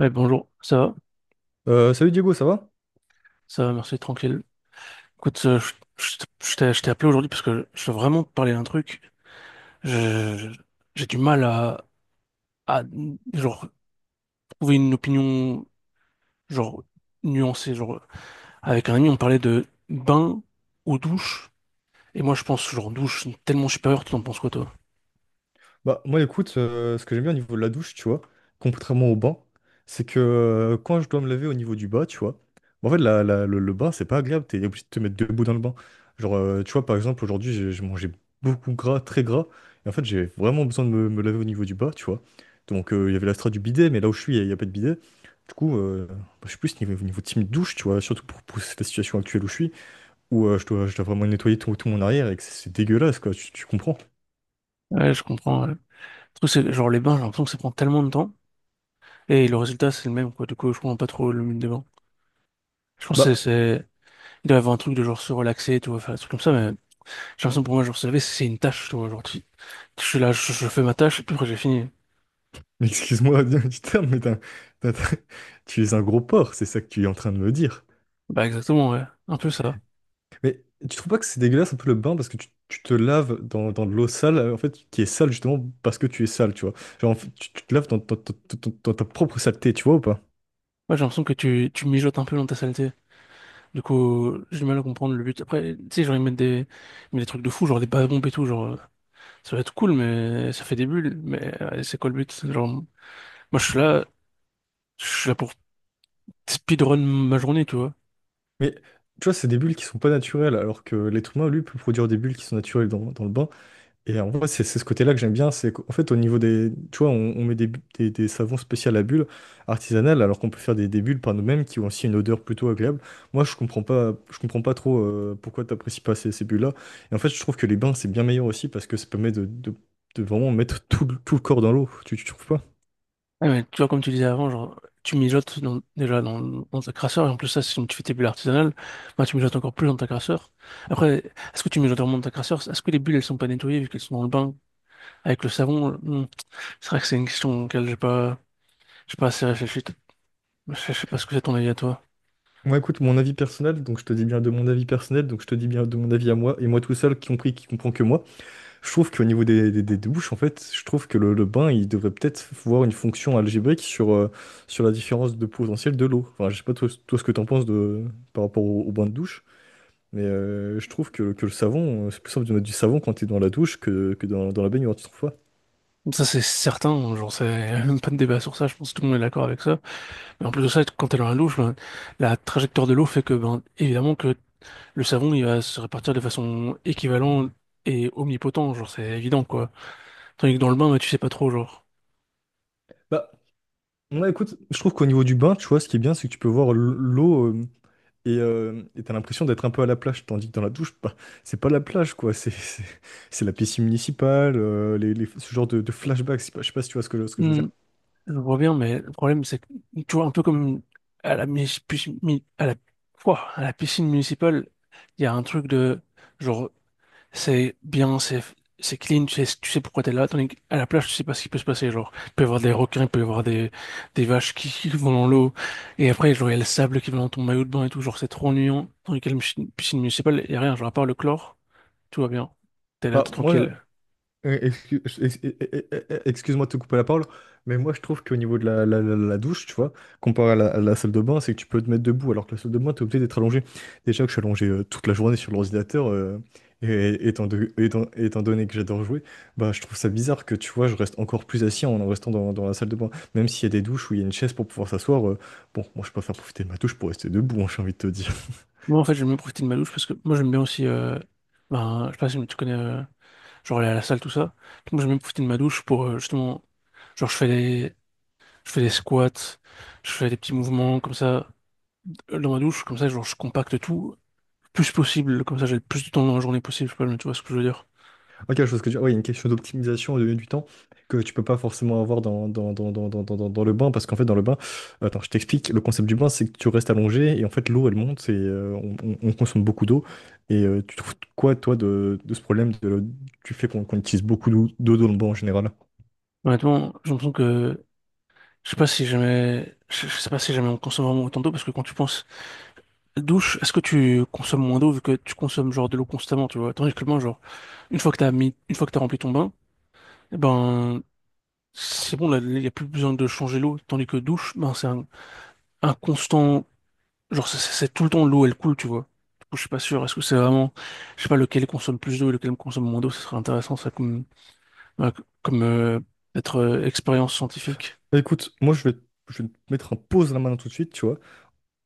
Ouais, bonjour, ça va? Salut Diego, ça va? Ça va, merci, tranquille. Écoute, je, je t'ai appelé aujourd'hui parce que je veux vraiment te parler d'un truc. Je- J'ai du mal à, à, genre, trouver une opinion, genre, nuancée. Genre, avec un ami, on parlait de bain ou douche. Et moi, je pense, genre, douche tellement supérieure, tu en penses quoi, toi? Bah moi écoute, ce que j'aime bien au niveau de la douche, tu vois, contrairement au bain, c'est que quand je dois me laver au niveau du bas, tu vois, en fait le bain c'est pas agréable, t'es obligé de te mettre debout dans le bain. Genre tu vois par exemple aujourd'hui j'ai mangé beaucoup gras, très gras, et en fait j'ai vraiment besoin de me laver au niveau du bas, tu vois. Donc il y avait la strat du bidet, mais là où je suis il n'y a pas de bidet. Du coup, bah, je suis plus niveau team douche, tu vois, surtout pour la situation actuelle où je suis, où je dois vraiment nettoyer tout mon arrière et que c'est dégueulasse quoi, tu comprends? Ouais, je comprends. Le truc, c'est que, genre les bains, j'ai l'impression que ça prend tellement de temps. Et le résultat, c'est le même, quoi. Du coup, je comprends pas trop le but des bains. Je pense que Bah, il doit y avoir un truc de genre se relaxer, tu vois, faire des trucs comme ça, mais j'ai l'impression pour moi, genre se laver, c'est une tâche, tu vois. Je suis là, je fais ma tâche, et puis après, j'ai fini. mais excuse-moi du terme, mais t'as- t'as- tu es un gros porc, c'est ça que tu es en train de me dire. Bah, exactement, ouais. Un peu ça. Mais tu trouves pas que c'est dégueulasse un peu le bain parce que tu te laves dans de l'eau sale, en fait, qui est sale justement parce que tu es sale, tu vois. Genre, en fait, tu te laves dans ta propre saleté, tu vois ou pas? Ouais, j'ai l'impression que tu mijotes un peu dans ta saleté. Du coup, j'ai du mal à comprendre le but. Après, tu sais, genre, ils mettent des trucs de fou, genre des bains bombes et tout, genre, ça va être cool, mais ça fait des bulles, mais c'est quoi le but? Genre, moi, je suis là pour speedrun ma journée, tu vois. Mais tu vois, c'est des bulles qui sont pas naturelles, alors que l'être humain, lui, peut produire des bulles qui sont naturelles dans le bain. Et en vrai, c'est ce côté-là que j'aime bien, c'est qu'en fait, tu vois, on met des savons spéciaux à bulles artisanales, alors qu'on peut faire des bulles par nous-mêmes qui ont aussi une odeur plutôt agréable. Moi, je comprends pas trop pourquoi t'apprécies pas ces bulles-là. Et en fait, je trouve que les bains, c'est bien meilleur aussi, parce que ça permet de vraiment mettre tout le corps dans l'eau, tu trouves pas? Ouais, mais tu vois, comme tu disais avant, genre, tu mijotes dans- déjà dans, dans ta crasseur, et en plus, ça, si tu fais tes bulles artisanales, bah, tu mijotes encore plus dans ta crasseur. Après, est-ce que tu mijotes vraiment dans ta crasseur? Est-ce que les bulles, elles sont pas nettoyées vu qu'elles sont dans le bain avec le savon? Hmm. C'est vrai que c'est une question auquel j'ai pas assez réfléchi. Je sais pas ce que c'est ton avis à toi. Moi, écoute, mon avis personnel, donc je te dis bien de mon avis personnel, donc je te dis bien de mon avis à moi, et moi tout seul, qui compris, qui comprend que moi. Je trouve qu'au niveau des douches, en fait, je trouve que le bain, il devrait peut-être voir une fonction algébrique sur la différence de potentiel de l'eau. Enfin, je sais pas toi, ce que t'en penses par rapport au bain de douche, mais je trouve que le savon, c'est plus simple de mettre du savon quand t'es dans la douche que dans la baignoire, tu trouves pas? Ça, c'est certain, genre, c'est même pas de débat sur ça, je pense que tout le monde est d'accord avec ça. Mais en plus de ça, quand elle a un louche, ben, la trajectoire de l'eau fait que, ben, évidemment, que le savon, il va se répartir de façon équivalente et omnipotent, genre, c'est évident, quoi. Tandis que dans le bain, ben, tu sais pas trop, genre. Bah, ouais, écoute, je trouve qu'au niveau du bain, tu vois, ce qui est bien, c'est que tu peux voir l'eau. Et t'as l'impression d'être un peu à la plage, tandis que dans la douche, bah, c'est pas la plage, quoi. C'est la piscine municipale, ce genre de flashback. Je sais pas si tu vois ce que je veux Hmm, dire. je vois bien, mais le problème, c'est que, tu vois, un peu comme à la, mis- pis- mi- à la, Ouah, à la piscine municipale, il y a un truc de, genre, c'est bien, c'est clean, tu sais pourquoi t'es là. Tandis qu'à la plage, tu sais pas ce qui peut se passer. Genre, il peut y avoir des requins, il peut y avoir des vaches qui, qui vont dans l'eau. Et après, genre, il y a le sable qui va dans ton maillot de bain et tout. Genre, c'est trop ennuyant. Tandis qu'à la piscine municipale, il y a rien. Genre, à part le chlore, tout va bien. T'es là, t'es Bah, moi, tranquille. Euh, excu- ex- ex- excuse-moi de te couper la parole, mais moi je trouve qu'au niveau de la douche, tu vois, comparé à la salle de bain, c'est que tu peux te mettre debout, alors que la salle de bain, t'es obligé d'être allongé. Déjà que je suis allongé toute la journée sur l'ordinateur, et étant donné que j'adore jouer, bah je trouve ça bizarre que tu vois, je reste encore plus assis en restant dans la salle de bain. Même s'il y a des douches où il y a une chaise pour pouvoir s'asseoir, bon, moi je préfère profiter de ma douche pour rester debout, hein, j'ai envie de te dire. Moi, en fait, j'aime bien profiter de ma douche parce que moi, j'aime bien aussi, ben, je sais pas si tu connais, genre, aller à la salle, tout ça. Donc, moi, j'aime bien profiter de ma douche pour, justement, genre, je fais des squats, je fais des petits mouvements comme ça. Dans ma douche, comme ça, genre, je compacte tout, le plus possible, comme ça, j'ai le plus de temps dans la journée possible, je sais pas, mais tu vois ce que je veux dire. Ah, quelque chose que ouais, il y a une question d'optimisation et de gagner du temps que tu peux pas forcément avoir dans le bain, parce qu'en fait, dans le bain, attends, je t'explique, le concept du bain, c'est que tu restes allongé et en fait, l'eau, elle monte et on consomme beaucoup d'eau. Et tu trouves quoi, toi, de ce problème tu fais qu'on utilise beaucoup d'eau dans le bois en général? Honnêtement, j'ai l'impression que, je sais pas si jamais on consomme vraiment autant d'eau, parce que quand tu penses, douche, est-ce que tu consommes moins d'eau, vu que tu consommes, genre, de l'eau constamment, tu vois, tandis que le bain, genre, une fois que t'as rempli ton bain, eh ben, c'est bon, là, il y a plus besoin de changer l'eau, tandis que douche, ben, un constant. Genre, c'est tout le temps l'eau, elle coule, tu vois. Du coup, je suis pas sûr. Est-ce que c'est vraiment, je sais pas, lequel consomme plus d'eau et lequel consomme moins d'eau, ce serait intéressant, ça, comme, voilà, comme être expérience scientifique. Bah, écoute, moi je vais te mettre un pause à la main tout de suite, tu vois.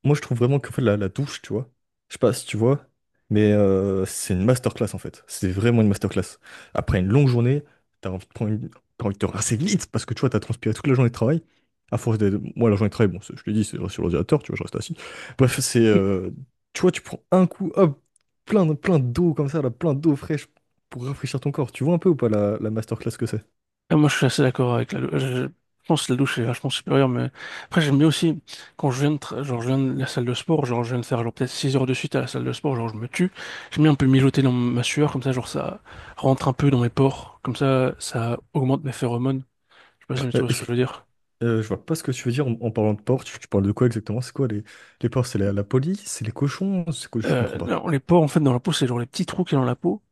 Moi, je trouve vraiment qu'en fait, la douche, tu vois, je sais pas si tu vois, mais c'est une masterclass en fait. C'est vraiment une masterclass. Après une longue journée, t'as envie de prendre une... t'as envie de te rincer vite parce que tu vois, t'as transpiré toute la journée de travail. À force de. Moi, la journée de travail, bon, je te dis, c'est sur l'ordinateur, tu vois, je reste assis. Bref, c'est. Tu vois, tu prends un coup, hop, plein d'eau comme ça, là, plein d'eau fraîche pour rafraîchir ton corps. Tu vois un peu ou pas la masterclass que c'est? Et moi, je suis assez d'accord avec la douche. Je pense que la douche est vachement supérieure, mais après, j'aime bien aussi, quand je viens de, genre, je viens de la salle de sport, genre, je viens de faire, genre, peut-être 6 heures de suite à la salle de sport, genre, je me tue. J'aime bien un peu mijoter dans ma sueur, comme ça, genre, ça rentre un peu dans mes pores. Comme ça augmente mes phéromones. Je sais pas si tu Euh, vois ce que je veux dire. je vois pas ce que tu veux dire en parlant de porc. Tu parles de quoi exactement? C'est quoi les porcs? C'est la police? C'est les cochons? C'est quoi? Je comprends pas. Non, les pores, en fait, dans la peau, c'est genre les petits trous qu'il y a dans la peau.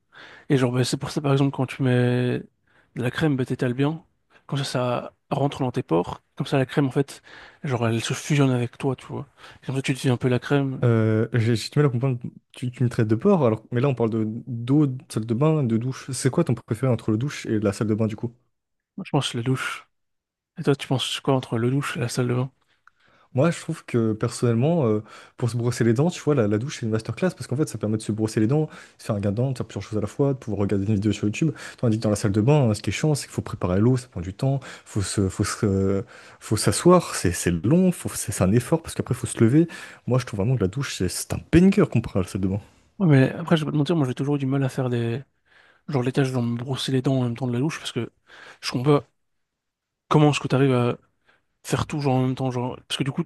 Et genre, bah, c'est pour ça, par exemple, quand tu mets de la crème, bah, t'étales bien. Comme ça rentre dans tes pores. Comme ça, la crème, en fait, genre, elle se fusionne avec toi, tu vois. Et comme ça, tu deviens un peu la crème. J'ai du mal à comprendre. Tu me traites de porc, alors, mais là on parle de d'eau, de salle de bain, de douche. C'est quoi ton préféré entre le douche et la salle de bain du coup? Moi, je pense la douche. Et toi, tu penses quoi entre le douche et la salle de bain? Moi, je trouve que personnellement, pour se brosser les dents, tu vois, la douche, c'est une masterclass parce qu'en fait, ça permet de se brosser les dents, de se faire un gain de dents, de faire plusieurs choses à la fois, de pouvoir regarder une vidéo sur YouTube. Tandis que dans la salle de bain, hein, ce qui est chiant, c'est qu'il faut préparer l'eau, ça prend du temps, faut se, faut se- euh, faut s'asseoir, c'est long, c'est un effort parce qu'après, il faut se lever. Moi, je trouve vraiment que la douche, c'est un banger comparé à la salle de bain. Ouais, mais après, je vais pas te mentir, moi j'ai toujours eu du mal à faire des. Genre les tâches, genre me brosser les dents en même temps de la louche, parce que je comprends pas comment est-ce que t'arrives à faire tout genre en même temps, genre. Parce que du coup,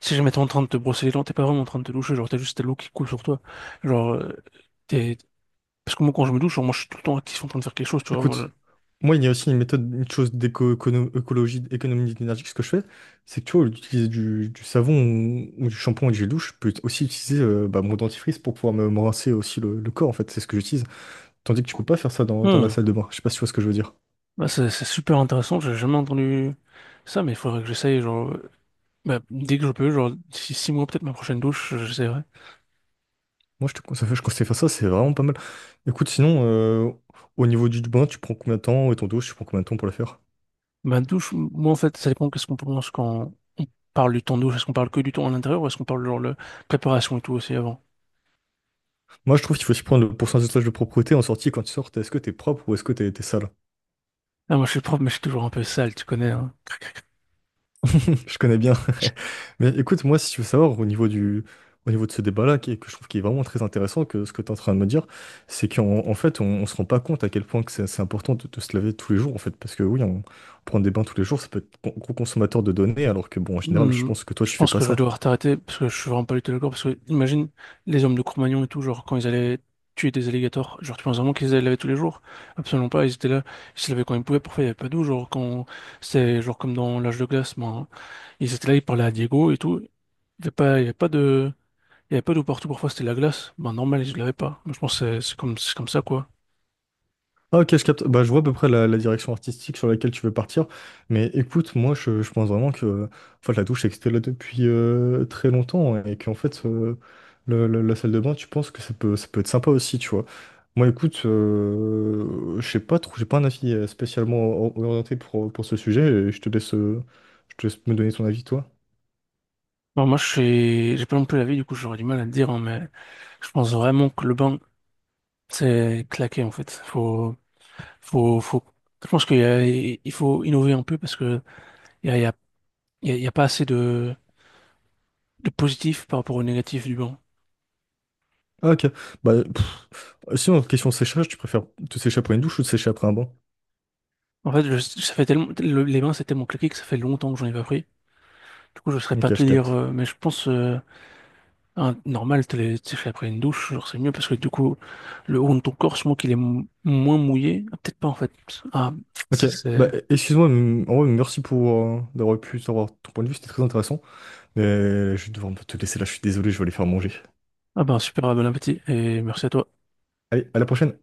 si jamais t'es en train de te brosser les dents, t'es pas vraiment en train de te doucher, genre t'as juste ta l'eau qui coule sur toi. Genre, t'es. Parce que moi quand je me douche, genre, moi je suis tout le temps actif en train de faire quelque chose, tu vois. Écoute, moi, il y a aussi une méthode, une chose d'éco-écologie, économie d'énergie, que ce que je fais, c'est que tu vois, utiliser du savon ou du shampoing et du gel douche, je peux aussi utiliser bah, mon dentifrice pour pouvoir me rincer aussi le corps, en fait, c'est ce que j'utilise. Tandis que tu peux pas faire ça dans, dans la Hmm. salle de bain, je sais pas si tu vois ce que je veux dire. Bah, c'est super intéressant, j'ai jamais entendu ça, mais il faudrait que j'essaye, genre. Bah, dès que je peux, genre d'ici 6 mois, peut-être ma prochaine douche, j'essaierai. Moi, je conseille de faire ça, c'est vraiment pas mal. Écoute, sinon, au niveau du bain, tu prends combien de temps et ton douche, tu prends combien de temps pour la faire? Ma douche, moi en fait, ça dépend qu'est-ce qu'on pense quand on parle du temps douche. Est-ce qu'on parle que du temps à l'intérieur ou est-ce qu'on parle genre de préparation et tout aussi avant? Moi, je trouve qu'il faut aussi prendre le pourcentage de propreté en sortie quand tu sors. Est-ce que t'es propre ou est-ce que t'es sale? Ah, moi je suis prof, mais je suis toujours un peu sale, tu connais. Hein. Cric, cric. Je connais bien. Mais écoute, moi, si tu veux savoir, au niveau de ce débat-là, que je trouve qui est vraiment très intéressant, que ce que tu es en train de me dire, c'est qu'en en fait, on ne se rend pas compte à quel point que c'est important de se laver tous les jours, en fait. Parce que oui, prend des bains tous les jours, ça peut être gros consommateur de données, alors que bon, en général, je Hmm, pense que toi, je tu fais pense pas que je vais ça. devoir t'arrêter parce que je suis vraiment pas du tout d'accord. Parce que imagine les hommes de Cro-Magnon et tout, genre quand ils allaient tuer des alligators, genre tu penses vraiment qu'ils allaient les laver tous les jours? Absolument pas, ils étaient là, ils se lavaient quand ils pouvaient, parfois il n'y avait pas d'eau, genre quand c'était genre comme dans l'âge de glace, ben, ils étaient là, ils parlaient à Diego et tout. Il y avait pas de. Il n'y avait pas d'eau partout, parfois c'était la glace. Ben normal, je l'avais pas. Moi, je pense que c'est comme ça, quoi. Ah, ok, je capte. Bah, je vois à peu près la direction artistique sur laquelle tu veux partir. Mais écoute, moi, je pense vraiment que en fait la douche existait là depuis très longtemps et qu'en fait, la salle de bain, tu penses que ça peut être sympa aussi, tu vois. Moi, écoute, je sais pas trop, j'ai pas un avis spécialement orienté pour ce sujet. Et je te laisse me donner ton avis, toi. Bon, j'ai pas non plus la vie, du coup, j'aurais du mal à le dire, hein, mais je pense vraiment que le bain, c'est claqué, en fait. Faut, je pense il faut innover un peu parce que il y a, il y a, il y a il y a pas assez de positif par rapport au négatif du bain. Ah, ok. Bah, pff, sinon, question séchage, tu préfères te sécher après une douche ou te sécher après un bain? En fait, ça fait tellement, les bains, c'est tellement claqué que ça fait longtemps que j'en ai pas pris. Du coup, je saurais Ok, pas je te dire, capte. Mais je pense, ah, normal, t'es fait après une douche, genre c'est mieux parce que du coup, le haut de ton corps, je pense qu'il est moins mouillé. Ah, peut-être pas en fait. Ah, Ok, c'est... bah c'est- excuse-moi, en vrai, merci pour d'avoir pu savoir ton point de vue, c'était très intéressant. Mais je vais devoir te laisser là, je suis désolé, je vais aller faire manger. ah ben super, bon appétit et merci à toi. Allez, à la prochaine!